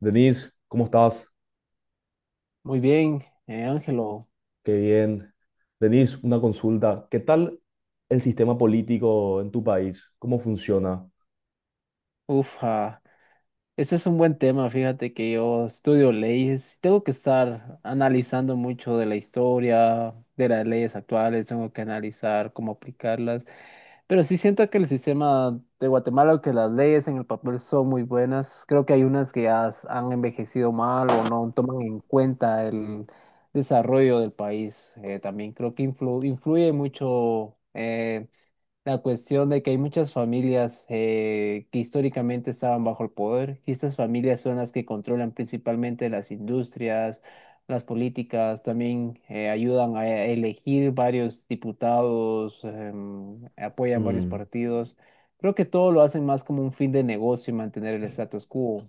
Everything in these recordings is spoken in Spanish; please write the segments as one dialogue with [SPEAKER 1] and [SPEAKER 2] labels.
[SPEAKER 1] Denise, ¿cómo estás?
[SPEAKER 2] Muy bien, Ángelo.
[SPEAKER 1] Qué bien. Denise, una consulta. ¿Qué tal el sistema político en tu país? ¿Cómo funciona?
[SPEAKER 2] Uf, ah, este es un buen tema. Fíjate que yo estudio leyes. Tengo que estar analizando mucho de la historia, de las leyes actuales. Tengo que analizar cómo aplicarlas. Pero sí siento que el sistema de Guatemala, que las leyes en el papel son muy buenas. Creo que hay unas que han envejecido mal o no toman en cuenta el desarrollo del país. También creo que influye mucho, la cuestión de que hay muchas familias que históricamente estaban bajo el poder, y estas familias son las que controlan principalmente las industrias, las políticas, también ayudan a elegir varios diputados, apoyan varios
[SPEAKER 1] Mm,
[SPEAKER 2] partidos. Creo que todo lo hacen más como un fin de negocio y mantener el status quo.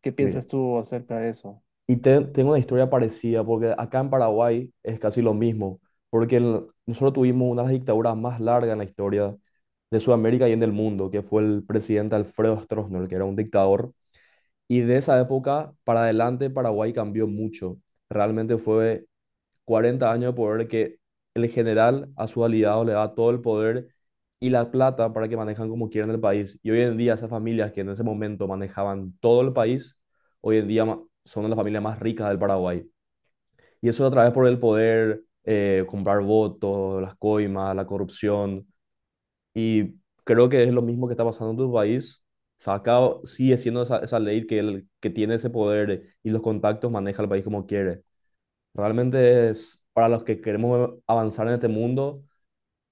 [SPEAKER 2] ¿Qué piensas
[SPEAKER 1] bien.
[SPEAKER 2] tú acerca de eso?
[SPEAKER 1] Y tengo una historia parecida, porque acá en Paraguay es casi lo mismo, porque nosotros tuvimos una de las dictaduras más largas en la historia de Sudamérica y en el mundo, que fue el presidente Alfredo Stroessner, que era un dictador. Y de esa época para adelante Paraguay cambió mucho. Realmente fue 40 años de poder que el general a sus aliados le da todo el poder y la plata para que manejan como quieran el país. Y hoy en día esas familias que en ese momento manejaban todo el país, hoy en día son las familias más ricas del Paraguay. Y eso a través por el poder, comprar votos, las coimas, la corrupción. Y creo que es lo mismo que está pasando en tu país. O sea, acá sigue siendo esa ley que el que tiene ese poder y los contactos maneja el país como quiere. Realmente es para los que queremos avanzar en este mundo,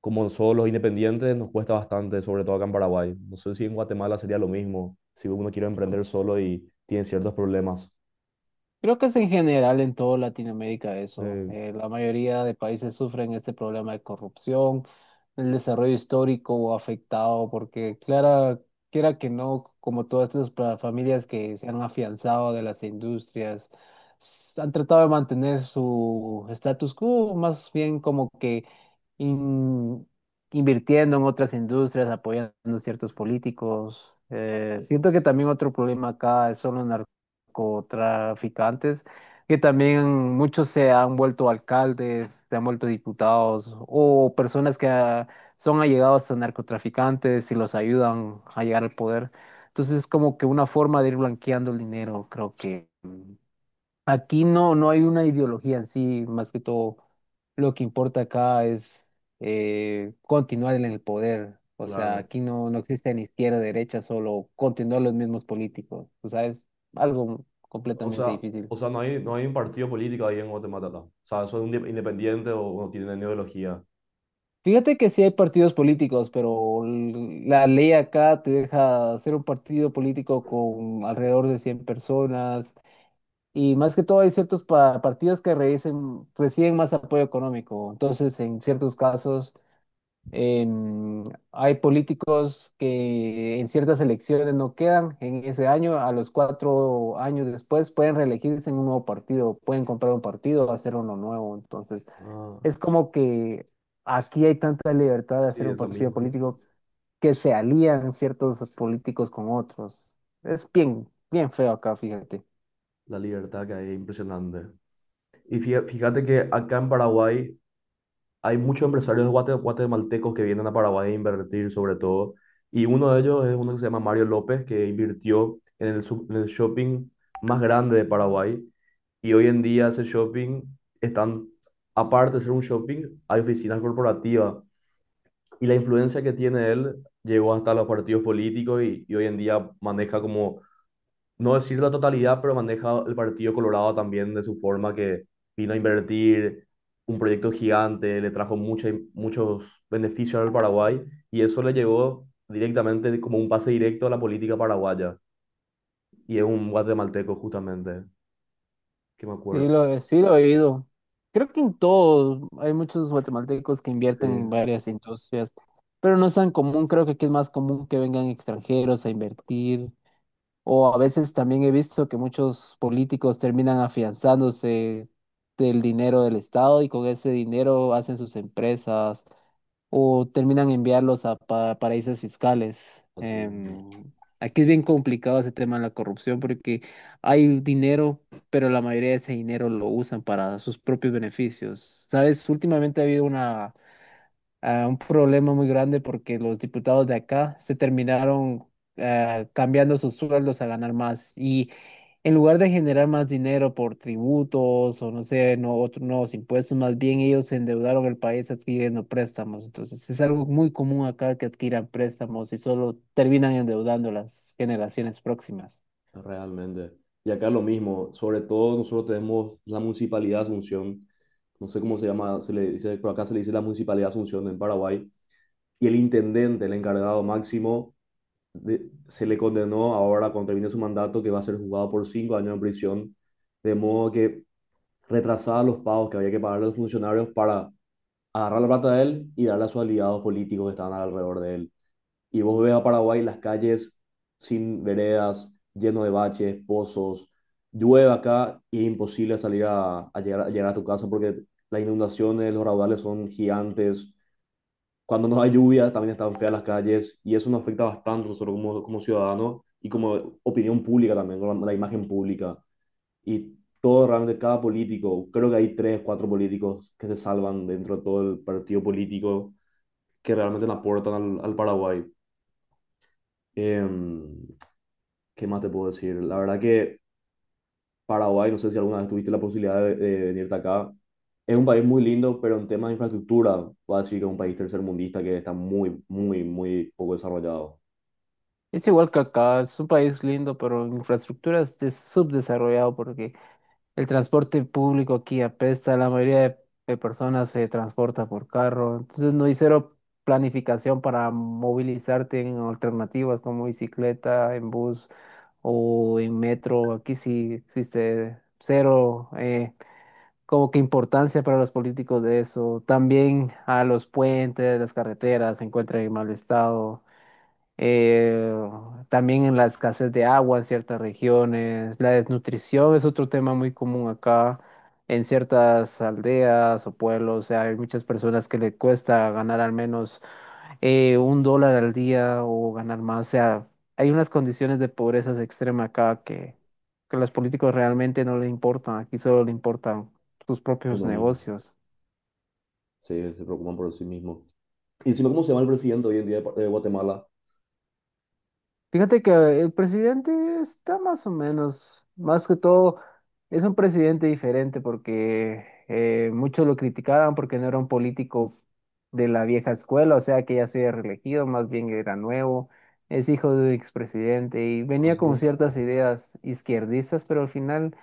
[SPEAKER 1] como solo los independientes, nos cuesta bastante, sobre todo acá en Paraguay. No sé si en Guatemala sería lo mismo, si uno quiere emprender solo y tiene ciertos problemas.
[SPEAKER 2] Creo que es en general en toda Latinoamérica eso.
[SPEAKER 1] Eh,
[SPEAKER 2] La mayoría de países sufren este problema de corrupción, el desarrollo histórico o afectado, porque clara, quiera que no, como todas estas familias que se han afianzado de las industrias, han tratado de mantener su status quo, más bien como que in- invirtiendo en otras industrias, apoyando a ciertos políticos. Siento que también otro problema acá es solo narcotraficantes, que también muchos se han vuelto alcaldes, se han vuelto diputados o personas que son allegados a narcotraficantes y los ayudan a llegar al poder. Entonces es como que una forma de ir blanqueando el dinero, creo que. Aquí no hay una ideología en sí, más que todo lo que importa acá es continuar en el poder. O sea,
[SPEAKER 1] claro.
[SPEAKER 2] aquí no existe ni izquierda, derecha, solo continuar los mismos políticos. O sea, es algo
[SPEAKER 1] O
[SPEAKER 2] completamente
[SPEAKER 1] sea,
[SPEAKER 2] difícil.
[SPEAKER 1] o sea, no hay un partido político ahí en Guatemala, ¿no? O sea, son un independiente o uno tiene una ideología.
[SPEAKER 2] Fíjate que sí hay partidos políticos, pero la ley acá te deja hacer un partido político con alrededor de 100 personas. Y más que todo hay ciertos partidos que reciben más apoyo económico. Entonces, en ciertos casos Em, hay políticos que en ciertas elecciones no quedan en ese año, a los 4 años después pueden reelegirse en un nuevo partido, pueden comprar un partido, hacer uno nuevo. Entonces,
[SPEAKER 1] Ah,
[SPEAKER 2] es como que aquí hay tanta libertad de hacer
[SPEAKER 1] sí,
[SPEAKER 2] un
[SPEAKER 1] eso
[SPEAKER 2] partido
[SPEAKER 1] mismo. Sí, sí.
[SPEAKER 2] político, que se alían ciertos políticos con otros. Es bien feo acá, fíjate.
[SPEAKER 1] La libertad que hay, es impresionante. Y fíjate que acá en Paraguay hay muchos empresarios guatemaltecos que vienen a Paraguay a invertir sobre todo. Y uno de ellos es uno que se llama Mario López, que invirtió en el shopping más grande de Paraguay. Y hoy en día ese shopping están, aparte de ser un shopping, hay oficinas corporativas. Y la influencia que tiene él llegó hasta los partidos políticos y hoy en día maneja como no decir la totalidad, pero maneja el Partido Colorado también de su forma que vino a invertir un proyecto gigante, le trajo muchos beneficios al Paraguay y eso le llegó directamente como un pase directo a la política paraguaya. Y es un guatemalteco justamente, que me acuerdo.
[SPEAKER 2] Sí lo he oído. Creo que en todo hay muchos guatemaltecos que invierten en
[SPEAKER 1] Sí.
[SPEAKER 2] varias industrias, pero no es tan común. Creo que aquí es más común que vengan extranjeros a invertir. O a veces también he visto que muchos políticos terminan afianzándose del dinero del Estado y con ese dinero hacen sus empresas o terminan enviarlos a paraísos fiscales.
[SPEAKER 1] Así.
[SPEAKER 2] Aquí es bien complicado ese tema de la corrupción porque hay dinero, pero la mayoría de ese dinero lo usan para sus propios beneficios. ¿Sabes? Últimamente ha habido un problema muy grande porque los diputados de acá se terminaron... cambiando sus sueldos a ganar más. Y en lugar de generar más dinero por tributos o no sé, no, otros nuevos impuestos, más bien ellos endeudaron el país adquiriendo préstamos. Entonces es algo muy común acá que adquieran préstamos y solo terminan endeudando las generaciones próximas.
[SPEAKER 1] Realmente. Y acá lo mismo, sobre todo nosotros tenemos la Municipalidad de Asunción, no sé cómo se llama, se le dice, por acá se le dice la Municipalidad de Asunción en Paraguay, y el intendente, el encargado máximo, se le condenó ahora cuando termine su mandato que va a ser juzgado por 5 años en prisión, de modo que retrasaba los pagos que había que pagarle a los funcionarios para agarrar la plata de él y darla a sus aliados políticos que estaban alrededor de él y vos ves a Paraguay las calles sin veredas, lleno de baches, pozos, llueve acá y es imposible salir a llegar a tu casa porque las inundaciones, los raudales son gigantes. Cuando no hay lluvia también están feas las calles y eso nos afecta bastante nosotros como ciudadanos y como opinión pública también, con la imagen pública. Y todo realmente, cada político, creo que hay tres, cuatro políticos que se salvan dentro de todo el partido político que realmente le aportan al Paraguay. Em, ¿Qué más te puedo decir? La verdad que Paraguay, no sé si alguna vez tuviste la posibilidad de venirte acá, es un país muy lindo, pero en temas de infraestructura, voy a decir que es un país tercermundista que está muy, muy, muy poco desarrollado.
[SPEAKER 2] Es igual que acá, es un país lindo, pero en infraestructura es subdesarrollado porque el transporte público aquí apesta, la mayoría de personas se transporta por carro, entonces no hay cero planificación para movilizarte en alternativas como bicicleta, en bus o en metro. Aquí sí existe cero como que importancia para los políticos de eso. También a los puentes, las carreteras se encuentran en mal estado, eh, también en la escasez de agua en ciertas regiones, la desnutrición es otro tema muy común acá en ciertas aldeas o pueblos, o sea, hay muchas personas que le cuesta ganar al menos $1 al día o ganar más, o sea, hay unas condiciones de pobreza extrema acá que a los políticos realmente no le importan, aquí solo le importan sus propios
[SPEAKER 1] Uno mismo,
[SPEAKER 2] negocios.
[SPEAKER 1] se preocupan por sí mismo. Y encima, ¿cómo se llama el presidente hoy en día de Guatemala?
[SPEAKER 2] Fíjate que el presidente está más o menos, más que todo, es un presidente diferente porque muchos lo criticaban porque no era un político de la vieja escuela, o sea que ya se había reelegido, más bien era nuevo, es hijo de un expresidente y
[SPEAKER 1] Ah,
[SPEAKER 2] venía con
[SPEAKER 1] sí.
[SPEAKER 2] ciertas ideas izquierdistas, pero al final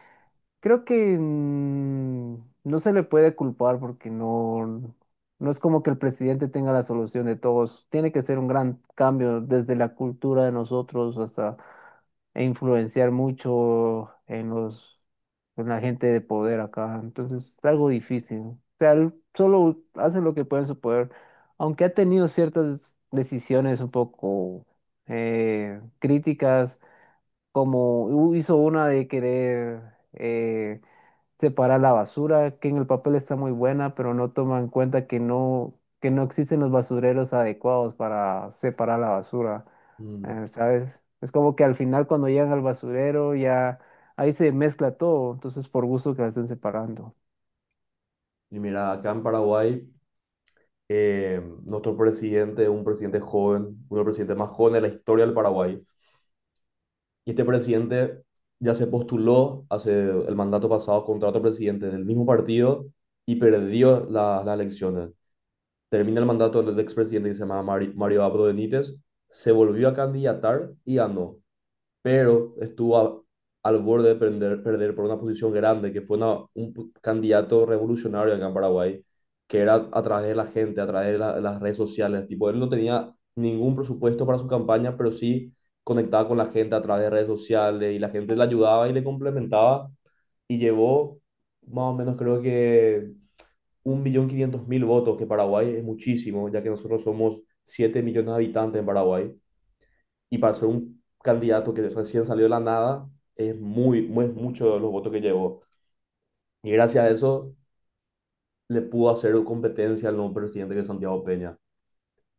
[SPEAKER 2] creo que no se le puede culpar porque no, no es como que el presidente tenga la solución de todos. Tiene que ser un gran cambio desde la cultura de nosotros hasta e influenciar mucho en en la gente de poder acá. Entonces es algo difícil. O sea, él solo hace lo que puede en su poder, aunque ha tenido ciertas decisiones un poco críticas, como hizo una de querer... eh, separar la basura, que en el papel está muy buena, pero no toma en cuenta que no existen los basureros adecuados para separar la basura.
[SPEAKER 1] Mm.
[SPEAKER 2] ¿Sabes? Es como que al final cuando llegan al basurero ya ahí se mezcla todo, entonces por gusto que la estén separando.
[SPEAKER 1] Y mira, acá en Paraguay, nuestro presidente es un presidente joven, uno de los presidentes más jóvenes de la historia del Paraguay. Y este presidente ya se postuló hace el mandato pasado contra otro presidente del mismo partido y perdió las elecciones. Termina el mandato del expresidente que se llama Mario Abdo Benítez, se volvió a candidatar y ganó pero estuvo al borde de perder por una posición grande, que fue un candidato revolucionario acá en Paraguay, que era a través de la gente, a través de las redes sociales. Tipo, él no tenía ningún presupuesto para su campaña, pero sí conectaba con la gente a través de redes sociales y la gente le ayudaba y le complementaba y llevó más o menos creo que 1.500.000 votos, que Paraguay es muchísimo, ya que nosotros somos 7 millones de habitantes en Paraguay y para ser un candidato que recién salió de la nada, es muy, muy mucho de los votos que llevó. Y gracias a eso le pudo hacer competencia al nuevo presidente que es Santiago Peña.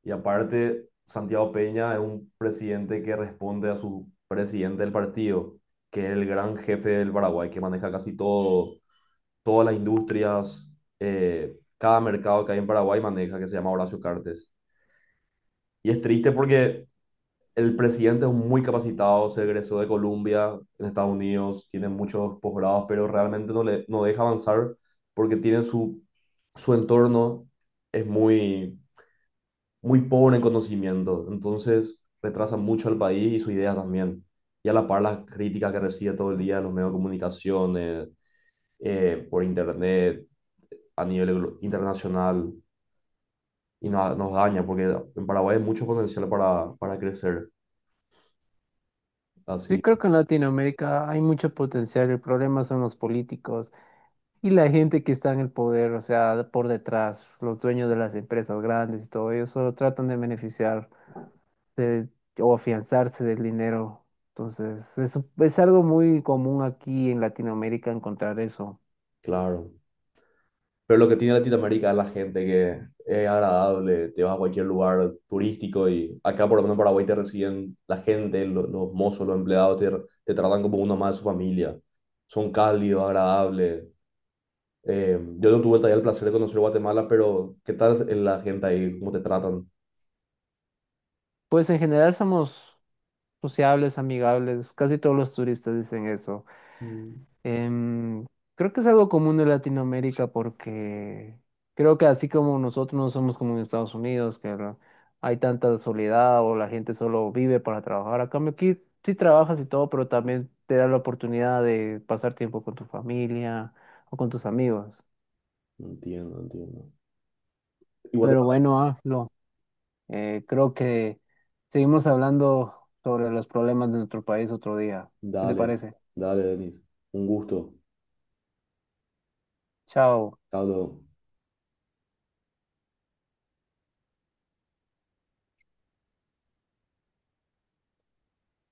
[SPEAKER 1] Y aparte, Santiago Peña es un presidente que responde a su presidente del partido, que es el gran jefe del Paraguay, que maneja casi todo, todas las industrias, cada mercado que hay en Paraguay maneja, que se llama Horacio Cartes. Y es triste porque el presidente es muy capacitado, se egresó de Colombia, en Estados Unidos, tiene muchos posgrados, pero realmente no le no deja avanzar porque tiene su entorno, es muy, muy pobre en conocimiento, entonces retrasa mucho al país y su idea también. Y a la par las críticas que recibe todo el día en los medios de comunicación, por internet, a nivel internacional, y nos daña, porque en Paraguay hay mucho potencial para crecer.
[SPEAKER 2] Sí,
[SPEAKER 1] Así,
[SPEAKER 2] creo que en Latinoamérica hay mucho potencial, el problema son los políticos y la gente que está en el poder, o sea, por detrás, los dueños de las empresas grandes y todo, ellos solo tratan de beneficiar de- o afianzarse del dinero. Entonces, eso es algo muy común aquí en Latinoamérica encontrar eso.
[SPEAKER 1] claro. Pero lo que tiene Latinoamérica es la gente que es agradable, te vas a cualquier lugar turístico y acá por lo menos en Paraguay te reciben la gente, los, mozos, los empleados te tratan como uno más de su familia. Son cálidos, agradables. Yo no tuve todavía el placer de conocer Guatemala, pero ¿qué tal es la gente ahí? ¿Cómo te tratan?
[SPEAKER 2] Pues en general somos sociables, amigables, casi todos los turistas dicen eso.
[SPEAKER 1] Mm.
[SPEAKER 2] Em, Creo que es algo común en Latinoamérica porque creo que así como nosotros no somos como en Estados Unidos, que hay tanta soledad o la gente solo vive para trabajar. A cambio aquí sí trabajas y todo, pero también te da la oportunidad de pasar tiempo con tu familia o con tus amigos.
[SPEAKER 1] Entiendo, no entiendo. Y
[SPEAKER 2] Pero
[SPEAKER 1] Guatemala,
[SPEAKER 2] bueno, Aflo, creo que seguimos hablando sobre los problemas de nuestro país otro día. ¿Qué te
[SPEAKER 1] dale,
[SPEAKER 2] parece?
[SPEAKER 1] dale, Denis. Un gusto.
[SPEAKER 2] Chao.
[SPEAKER 1] Chao. Luego.